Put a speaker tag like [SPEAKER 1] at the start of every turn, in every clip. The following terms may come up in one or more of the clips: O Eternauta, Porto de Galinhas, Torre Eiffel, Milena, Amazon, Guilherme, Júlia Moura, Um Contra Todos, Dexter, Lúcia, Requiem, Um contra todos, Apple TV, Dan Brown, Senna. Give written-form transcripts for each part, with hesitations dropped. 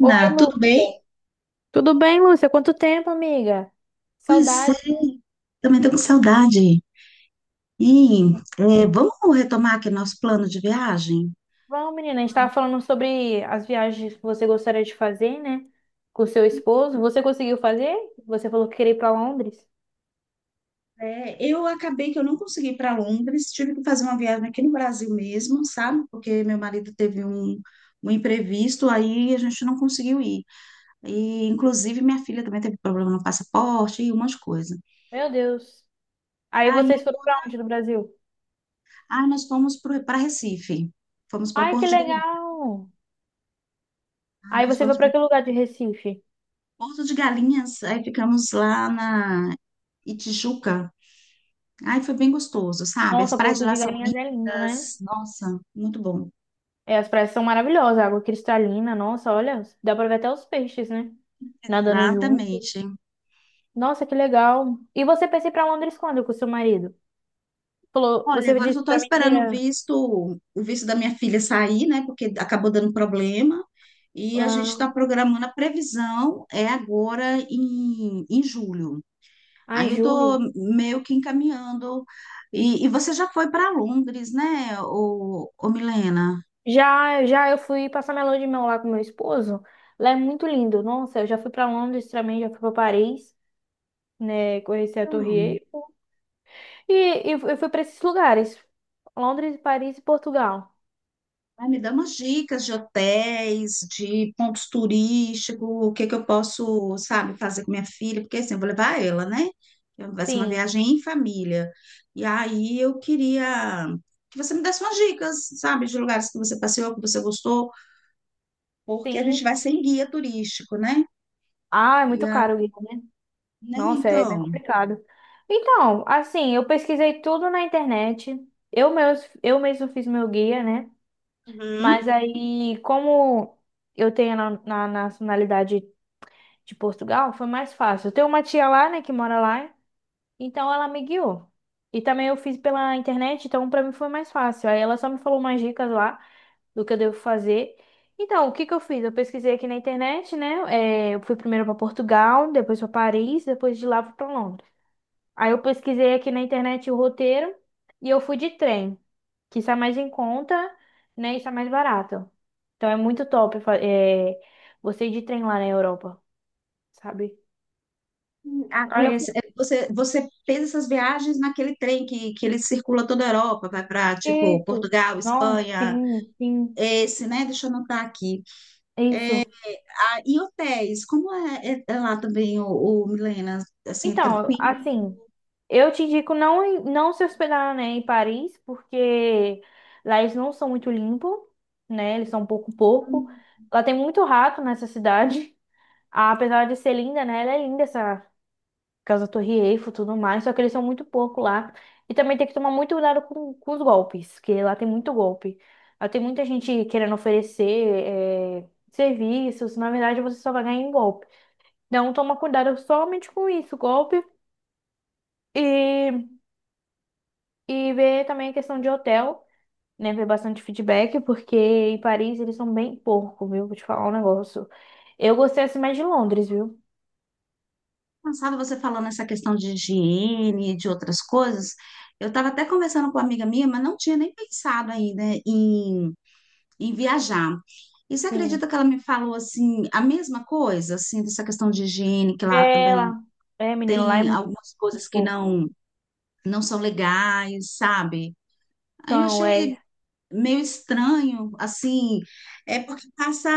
[SPEAKER 1] Oi,
[SPEAKER 2] tudo bem?
[SPEAKER 1] Lúcia. Tudo bem, Lúcia? Quanto tempo, amiga?
[SPEAKER 2] Pois
[SPEAKER 1] Saudade.
[SPEAKER 2] é, também estou com saudade. E vamos retomar aqui nosso plano de viagem?
[SPEAKER 1] Bom, menina, a gente estava falando sobre as viagens que você gostaria de fazer, né? Com seu esposo. Você conseguiu fazer? Você falou que queria ir para Londres.
[SPEAKER 2] É, eu acabei que eu não consegui ir para Londres, tive que fazer uma viagem aqui no Brasil mesmo, sabe? Porque meu marido teve um imprevisto, aí a gente não conseguiu ir. E, inclusive, minha filha também teve problema no passaporte e umas coisas.
[SPEAKER 1] Meu Deus. Aí
[SPEAKER 2] Aí,
[SPEAKER 1] vocês foram para onde no Brasil?
[SPEAKER 2] nós fomos para Recife, fomos para
[SPEAKER 1] Ai, que
[SPEAKER 2] Porto de Galinhas,
[SPEAKER 1] legal.
[SPEAKER 2] aí
[SPEAKER 1] Aí
[SPEAKER 2] nós
[SPEAKER 1] você foi
[SPEAKER 2] fomos
[SPEAKER 1] para
[SPEAKER 2] para
[SPEAKER 1] que lugar de Recife?
[SPEAKER 2] Porto de Galinhas, aí ficamos lá na Itijuca. Ai, foi bem gostoso, sabe? As
[SPEAKER 1] Nossa,
[SPEAKER 2] praias de
[SPEAKER 1] Porto
[SPEAKER 2] lá
[SPEAKER 1] de
[SPEAKER 2] são
[SPEAKER 1] Galinhas é lindo, né?
[SPEAKER 2] lindas. Nossa, muito bom.
[SPEAKER 1] É, as praias são maravilhosas, água cristalina, nossa, olha, dá para ver até os peixes, né? Nadando junto.
[SPEAKER 2] Exatamente.
[SPEAKER 1] Nossa, que legal. E você pensa em ir pra Londres quando com seu marido? Falou,
[SPEAKER 2] Olha,
[SPEAKER 1] você
[SPEAKER 2] agora eu
[SPEAKER 1] disse
[SPEAKER 2] só estou
[SPEAKER 1] pra mim que
[SPEAKER 2] esperando
[SPEAKER 1] ia
[SPEAKER 2] o visto da minha filha sair, né? Porque acabou dando problema. E a gente
[SPEAKER 1] ah,
[SPEAKER 2] está programando a previsão, é agora em julho.
[SPEAKER 1] em
[SPEAKER 2] Aí eu estou
[SPEAKER 1] julho.
[SPEAKER 2] meio que encaminhando. E você já foi para Londres, né, ô Milena?
[SPEAKER 1] Já, já eu fui passar minha lua de mel lá com meu esposo. Lá é muito lindo. Nossa, eu já fui pra Londres também, já fui pra Paris, né? Conheci a Torre
[SPEAKER 2] Então,
[SPEAKER 1] Eiffel. E, e eu fui pra esses lugares. Londres, Paris e Portugal.
[SPEAKER 2] ai, me dá umas dicas de hotéis, de pontos turísticos, o que que eu posso, sabe, fazer com minha filha, porque assim, eu vou levar ela, né? Então, vai ser uma
[SPEAKER 1] Sim,
[SPEAKER 2] viagem em família. E aí eu queria que você me desse umas dicas, sabe, de lugares que você passeou, que você gostou, porque a gente
[SPEAKER 1] sim.
[SPEAKER 2] vai sem guia turístico, né?
[SPEAKER 1] Ah, é
[SPEAKER 2] E
[SPEAKER 1] muito
[SPEAKER 2] aí,
[SPEAKER 1] caro, Guilherme, né?
[SPEAKER 2] né,
[SPEAKER 1] Nossa, é bem
[SPEAKER 2] então.
[SPEAKER 1] complicado. Então, assim, eu pesquisei tudo na internet. Eu mesmo fiz meu guia, né?
[SPEAKER 2] Uhum.
[SPEAKER 1] Mas aí, como eu tenho na nacionalidade de Portugal, foi mais fácil. Eu tenho uma tia lá, né, que mora lá, então ela me guiou. E também eu fiz pela internet, então pra mim foi mais fácil. Aí ela só me falou umas dicas lá do que eu devo fazer. Então, o que que eu fiz? Eu pesquisei aqui na internet, né? É, eu fui primeiro pra Portugal, depois pra Paris, depois de lá fui pra Londres. Aí eu pesquisei aqui na internet o roteiro e eu fui de trem, que está mais em conta, né? E está mais barato. Então é muito top, é, você ir de trem lá na Europa, sabe?
[SPEAKER 2] Ah,
[SPEAKER 1] Aí
[SPEAKER 2] é,
[SPEAKER 1] eu fui,
[SPEAKER 2] é, você, você fez essas viagens naquele trem que ele circula toda a Europa, vai para, tipo,
[SPEAKER 1] isso.
[SPEAKER 2] Portugal,
[SPEAKER 1] Não,
[SPEAKER 2] Espanha.
[SPEAKER 1] sim, sim,
[SPEAKER 2] Esse, né? Deixa eu anotar aqui.
[SPEAKER 1] isso.
[SPEAKER 2] Ah, e hotéis, como é, é lá também, o Milena, assim,
[SPEAKER 1] Então,
[SPEAKER 2] tranquilo?
[SPEAKER 1] assim, eu te indico não, não se hospedar, né, em Paris, porque lá eles não são muito limpos, né? Eles são um pouco pouco. Lá tem muito rato nessa cidade. Apesar de ser linda, né? Ela é linda essa causa da Torre Eiffel e tudo mais, só que eles são muito porco lá. E também tem que tomar muito cuidado com os golpes, que lá tem muito golpe. Lá tem muita gente querendo oferecer serviços, na verdade você só vai ganhar em golpe. Então toma cuidado somente com isso, golpe. E, e ver também a questão de hotel, né? Ver bastante feedback, porque em Paris eles são bem porco, viu? Vou te falar um negócio. Eu gostei assim mais de Londres, viu?
[SPEAKER 2] Cansada você falando essa questão de higiene, e de outras coisas. Eu estava até conversando com uma amiga minha, mas não tinha nem pensado ainda em viajar. E você
[SPEAKER 1] Sim.
[SPEAKER 2] acredita que ela me falou assim, a mesma coisa, assim, dessa questão de higiene, que lá
[SPEAKER 1] É
[SPEAKER 2] também
[SPEAKER 1] lá. É, menino, lá é
[SPEAKER 2] tem
[SPEAKER 1] muito
[SPEAKER 2] algumas coisas que
[SPEAKER 1] porco.
[SPEAKER 2] não, não são legais, sabe? Aí eu
[SPEAKER 1] Então,
[SPEAKER 2] achei
[SPEAKER 1] é.
[SPEAKER 2] meio estranho, assim, é porque passa,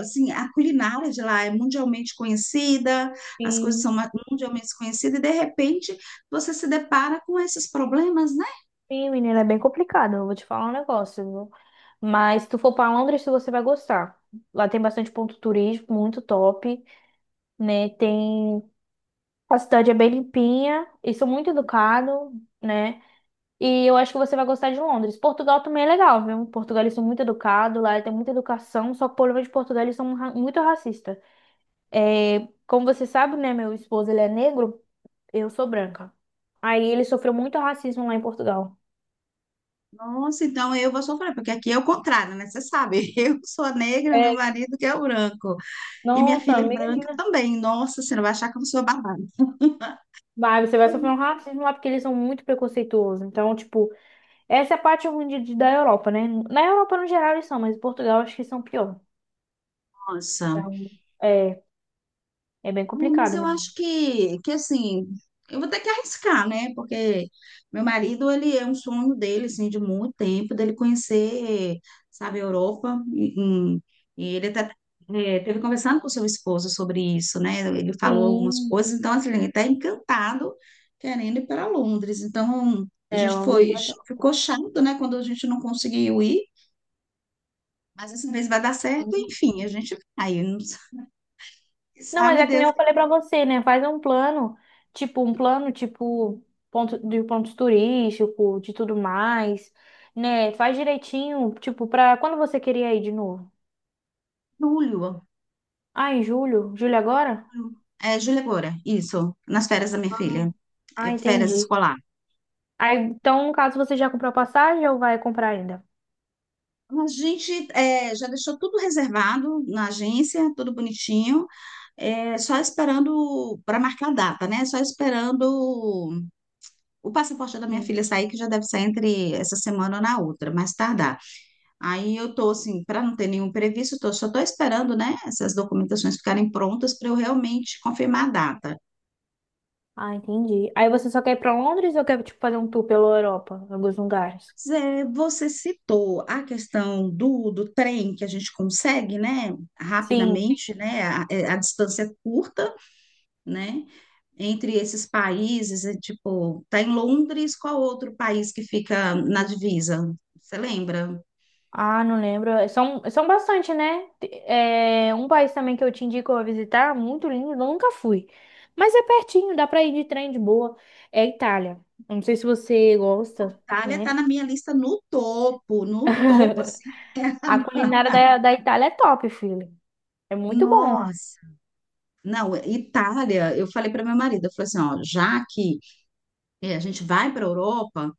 [SPEAKER 2] assim, a culinária de lá é mundialmente conhecida, as coisas são
[SPEAKER 1] Sim.
[SPEAKER 2] mundialmente conhecidas, e de repente você se depara com esses problemas, né?
[SPEAKER 1] Sim, menina, é bem complicado. Eu vou te falar um negócio, viu? Mas se tu for pra Londres, você vai gostar. Lá tem bastante ponto turístico, muito top, né? Tem a cidade é bem limpinha, e são muito educados, né? E eu acho que você vai gostar de Londres. Portugal também é legal, viu? Portugal eles são muito educados, lá tem muita educação, só que o problema de Portugal eles são muito racistas. É, como você sabe, né? Meu esposo ele é negro, eu sou branca. Aí ele sofreu muito racismo lá em Portugal.
[SPEAKER 2] Nossa, então eu vou sofrer, porque aqui é o contrário, né? Você sabe, eu sou a negra,
[SPEAKER 1] É,
[SPEAKER 2] meu marido que é o branco, e minha
[SPEAKER 1] nossa,
[SPEAKER 2] filha é
[SPEAKER 1] amiga.
[SPEAKER 2] branca também. Nossa, você não vai achar que eu sou babada.
[SPEAKER 1] Mas você vai sofrer um racismo lá porque eles são muito preconceituosos. Então, tipo, essa é a parte ruim da Europa, né? Na Europa, no geral, eles são, mas em Portugal, acho que são pior.
[SPEAKER 2] Nossa.
[SPEAKER 1] Então, é, é bem
[SPEAKER 2] Ah, mas
[SPEAKER 1] complicado
[SPEAKER 2] eu
[SPEAKER 1] mesmo.
[SPEAKER 2] acho que assim, eu vou ter que arriscar, né? Porque meu marido, ele é um sonho dele, assim, de muito tempo, dele conhecer, sabe, a Europa. E- e ele até é, teve conversando com seu esposo sobre isso, né? Ele falou algumas
[SPEAKER 1] Sim,
[SPEAKER 2] coisas, então, assim, ele está encantado querendo ir para Londres. Então, a
[SPEAKER 1] é
[SPEAKER 2] gente
[SPEAKER 1] uma
[SPEAKER 2] foi,
[SPEAKER 1] obrigação.
[SPEAKER 2] ficou chato, né, quando a gente não conseguiu ir, mas essa vez vai dar certo, enfim, a gente vai. Não
[SPEAKER 1] Não, mas
[SPEAKER 2] sabe
[SPEAKER 1] é que nem
[SPEAKER 2] Deus,
[SPEAKER 1] eu
[SPEAKER 2] em
[SPEAKER 1] falei pra você, né? Faz um plano, tipo, ponto, de pontos turísticos, de tudo mais, né? Faz direitinho, tipo, pra quando você queria ir de novo?
[SPEAKER 2] julho.
[SPEAKER 1] Ah, em julho? Julho agora?
[SPEAKER 2] É, Júlia Moura, isso, nas férias da minha filha,
[SPEAKER 1] Ah,
[SPEAKER 2] é, férias
[SPEAKER 1] entendi.
[SPEAKER 2] escolar.
[SPEAKER 1] Aí, então, no caso, você já comprou a passagem ou vai comprar ainda?
[SPEAKER 2] A gente é, já deixou tudo reservado na agência, tudo bonitinho, é, só esperando para marcar a data, né? Só esperando o passaporte da minha
[SPEAKER 1] Sim.
[SPEAKER 2] filha sair, que já deve sair entre essa semana ou na outra, mais tardar. Aí eu tô assim, para não ter nenhum previsto, tô, só tô esperando, né, essas documentações ficarem prontas para eu realmente confirmar a data.
[SPEAKER 1] Ah, entendi. Aí você só quer ir pra Londres ou quer, tipo, fazer um tour pela Europa, em alguns lugares?
[SPEAKER 2] Zé, você citou a questão do trem que a gente consegue, né,
[SPEAKER 1] Sim.
[SPEAKER 2] rapidamente, né, a, é, a distância curta, né, entre esses países, é, tipo, tá em Londres, qual outro país que fica na divisa? Você lembra?
[SPEAKER 1] Ah, não lembro. São, são bastante, né? É, um país também que eu te indico a visitar, muito lindo, eu nunca fui. Mas é pertinho, dá pra ir de trem de boa. É a Itália. Eu não sei se você gosta,
[SPEAKER 2] Itália tá
[SPEAKER 1] né?
[SPEAKER 2] na minha lista no topo, no topo, assim,
[SPEAKER 1] A culinária da Itália é top, filho. É muito bom.
[SPEAKER 2] Nossa, não, Itália, eu falei para meu marido, eu falei assim, ó, já que é, a gente vai para a Europa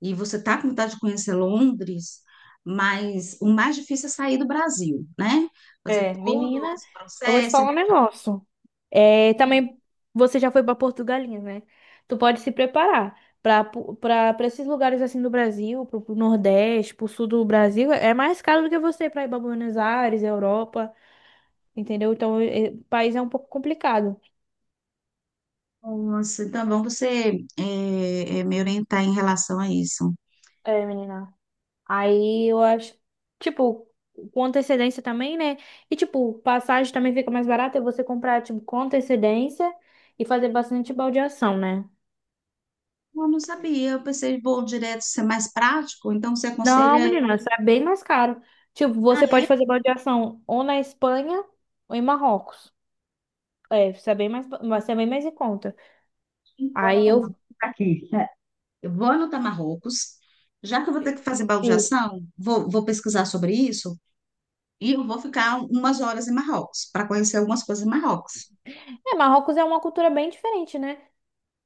[SPEAKER 2] e você está com vontade de conhecer Londres, mas o mais difícil é sair do Brasil, né? Fazer
[SPEAKER 1] É,
[SPEAKER 2] todo
[SPEAKER 1] menina,
[SPEAKER 2] esse
[SPEAKER 1] eu vou te
[SPEAKER 2] processo.
[SPEAKER 1] falar um negócio. É, também você já foi para Portugalinha, né? Tu pode se preparar para esses lugares assim do Brasil, para o Nordeste, para o Sul do Brasil, é mais caro do que você para ir para Buenos Aires, Europa, entendeu? Então, o país é um pouco complicado.
[SPEAKER 2] Nossa, então, vamos você é, é, me orientar em relação a isso.
[SPEAKER 1] É, menina. Aí eu acho, tipo, com antecedência também, né? E tipo, passagem também fica mais barata e você comprar tipo com antecedência e fazer bastante baldeação, né?
[SPEAKER 2] Eu não sabia, eu pensei, vou direto ser mais prático, então você
[SPEAKER 1] Não,
[SPEAKER 2] aconselha eu.
[SPEAKER 1] menina, isso é bem mais caro. Tipo,
[SPEAKER 2] Ah,
[SPEAKER 1] você pode
[SPEAKER 2] é?
[SPEAKER 1] fazer balde ou na Espanha ou em Marrocos. É, isso é bem mais, vai ser bem mais em conta.
[SPEAKER 2] Vou
[SPEAKER 1] Aí
[SPEAKER 2] anotar
[SPEAKER 1] eu.
[SPEAKER 2] Marrocos aqui. É. Eu vou anotar Marrocos, já que eu vou ter que fazer
[SPEAKER 1] e-
[SPEAKER 2] baldeação, vou, vou pesquisar sobre isso. E eu vou ficar umas horas em Marrocos, para conhecer algumas coisas em Marrocos.
[SPEAKER 1] É, Marrocos é uma cultura bem diferente, né?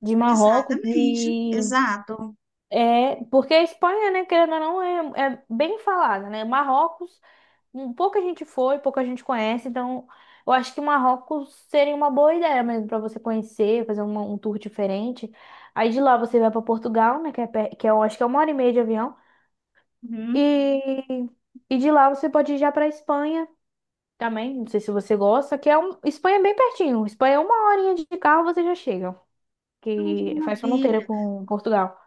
[SPEAKER 1] De Marrocos,
[SPEAKER 2] Exatamente,
[SPEAKER 1] de.
[SPEAKER 2] exato.
[SPEAKER 1] É, porque a Espanha, né, querendo ou não, é, é bem falada, né? Marrocos, um, pouca gente foi, pouca gente conhece, então eu acho que Marrocos seria uma boa ideia mesmo para você conhecer, fazer um tour diferente. Aí de lá você vai para Portugal, né, que é, que é, eu acho que é uma hora e meia de avião,
[SPEAKER 2] Uhum.
[SPEAKER 1] e, e de lá você pode ir já para Espanha também, não sei se você gosta, que é um, Espanha é bem pertinho, Espanha é uma horinha de carro você já chega,
[SPEAKER 2] Ai, que
[SPEAKER 1] que faz fronteira
[SPEAKER 2] maravilha.
[SPEAKER 1] com Portugal.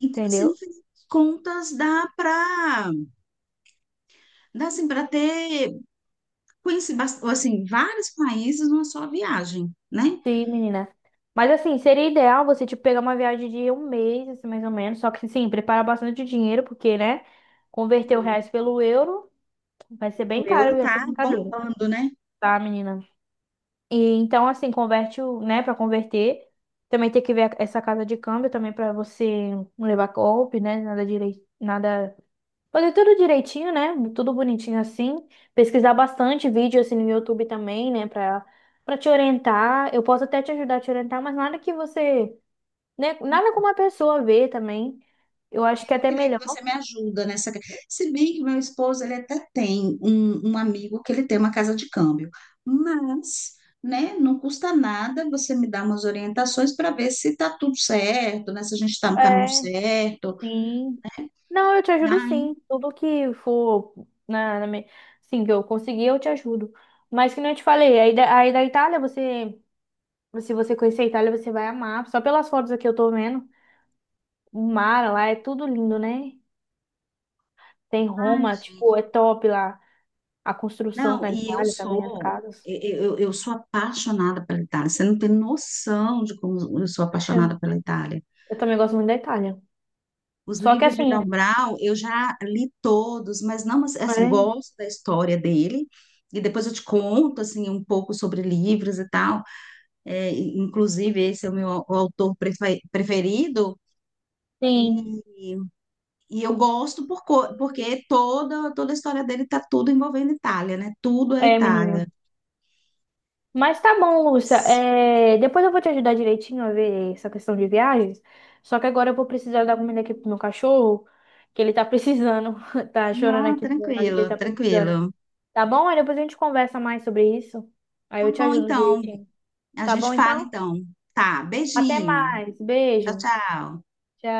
[SPEAKER 2] Então, assim, no
[SPEAKER 1] Entendeu?
[SPEAKER 2] fim das contas, dá para dá, assim, para ter, conhecer assim, vários países numa só viagem, né?
[SPEAKER 1] Sim, menina. Mas assim, seria ideal você, tipo, pegar uma viagem de um mês, assim, mais ou menos. Só que, sim, prepara bastante dinheiro, porque, né? Converter o
[SPEAKER 2] Uhum.
[SPEAKER 1] reais pelo euro vai ser
[SPEAKER 2] O
[SPEAKER 1] bem caro
[SPEAKER 2] euro
[SPEAKER 1] essa
[SPEAKER 2] tá
[SPEAKER 1] brincadeira,
[SPEAKER 2] bombando, né?
[SPEAKER 1] tá, menina? E então, assim, converte o, né, pra converter. Também tem que ver essa casa de câmbio também pra você não levar golpe, né? Nada direito, nada. Fazer tudo direitinho, né? Tudo bonitinho assim. Pesquisar bastante vídeo assim no YouTube também, né? Pra, pra te orientar. Eu posso até te ajudar a te orientar, mas nada que você, né? Nada como a pessoa ver também. Eu acho que é
[SPEAKER 2] Eu
[SPEAKER 1] até
[SPEAKER 2] queria que
[SPEAKER 1] melhor.
[SPEAKER 2] você me ajuda nessa. Se bem que meu esposo ele até tem um amigo que ele tem uma casa de câmbio, mas, né, não custa nada você me dar umas orientações para ver se tá tudo certo, né, se a gente está no caminho
[SPEAKER 1] É,
[SPEAKER 2] certo.
[SPEAKER 1] sim. Não, eu te ajudo
[SPEAKER 2] Ai,
[SPEAKER 1] sim. Tudo que for na, na me- sim, que eu conseguir, eu te ajudo. Mas que nem eu te falei, aí da Itália você, se você conhecer a Itália, você vai amar. Só pelas fotos aqui eu tô vendo, o mar lá é tudo lindo, né? Tem
[SPEAKER 2] ai,
[SPEAKER 1] Roma,
[SPEAKER 2] gente.
[SPEAKER 1] tipo, é top lá. A construção
[SPEAKER 2] Não,
[SPEAKER 1] na
[SPEAKER 2] e eu
[SPEAKER 1] Itália também, as
[SPEAKER 2] sou
[SPEAKER 1] casas.
[SPEAKER 2] eu, eu eu sou apaixonada pela Itália. Você não tem noção de como eu sou apaixonada pela Itália.
[SPEAKER 1] Eu também gosto muito da Itália.
[SPEAKER 2] Os
[SPEAKER 1] Só que
[SPEAKER 2] livros de
[SPEAKER 1] assim,
[SPEAKER 2] Dan Brown, eu já li todos, mas não, mas, assim,
[SPEAKER 1] é,
[SPEAKER 2] gosto da história dele. E depois eu te conto, assim, um pouco sobre livros e tal. É, e, inclusive, esse é o meu autor preferido.
[SPEAKER 1] sim,
[SPEAKER 2] E, e eu gosto por, porque toda, toda a história dele está tudo envolvendo Itália, né? Tudo é
[SPEAKER 1] é, menina.
[SPEAKER 2] Itália.
[SPEAKER 1] Mas tá bom, Lúcia. É, depois eu vou te ajudar direitinho a ver essa questão de viagens. Só que agora eu vou precisar dar comida aqui pro meu cachorro, que ele tá precisando. Tá chorando
[SPEAKER 2] Não,
[SPEAKER 1] aqui do meu lado que ele
[SPEAKER 2] tranquilo,
[SPEAKER 1] tá precisando.
[SPEAKER 2] tranquilo.
[SPEAKER 1] Tá bom? Aí depois a gente conversa mais sobre isso. Aí
[SPEAKER 2] Tá
[SPEAKER 1] eu te
[SPEAKER 2] bom,
[SPEAKER 1] ajudo
[SPEAKER 2] então.
[SPEAKER 1] direitinho.
[SPEAKER 2] A
[SPEAKER 1] Tá
[SPEAKER 2] gente
[SPEAKER 1] bom,
[SPEAKER 2] fala,
[SPEAKER 1] então?
[SPEAKER 2] então. Tá,
[SPEAKER 1] Até
[SPEAKER 2] beijinho.
[SPEAKER 1] mais.
[SPEAKER 2] Tchau,
[SPEAKER 1] Beijo.
[SPEAKER 2] tchau.
[SPEAKER 1] Tchau.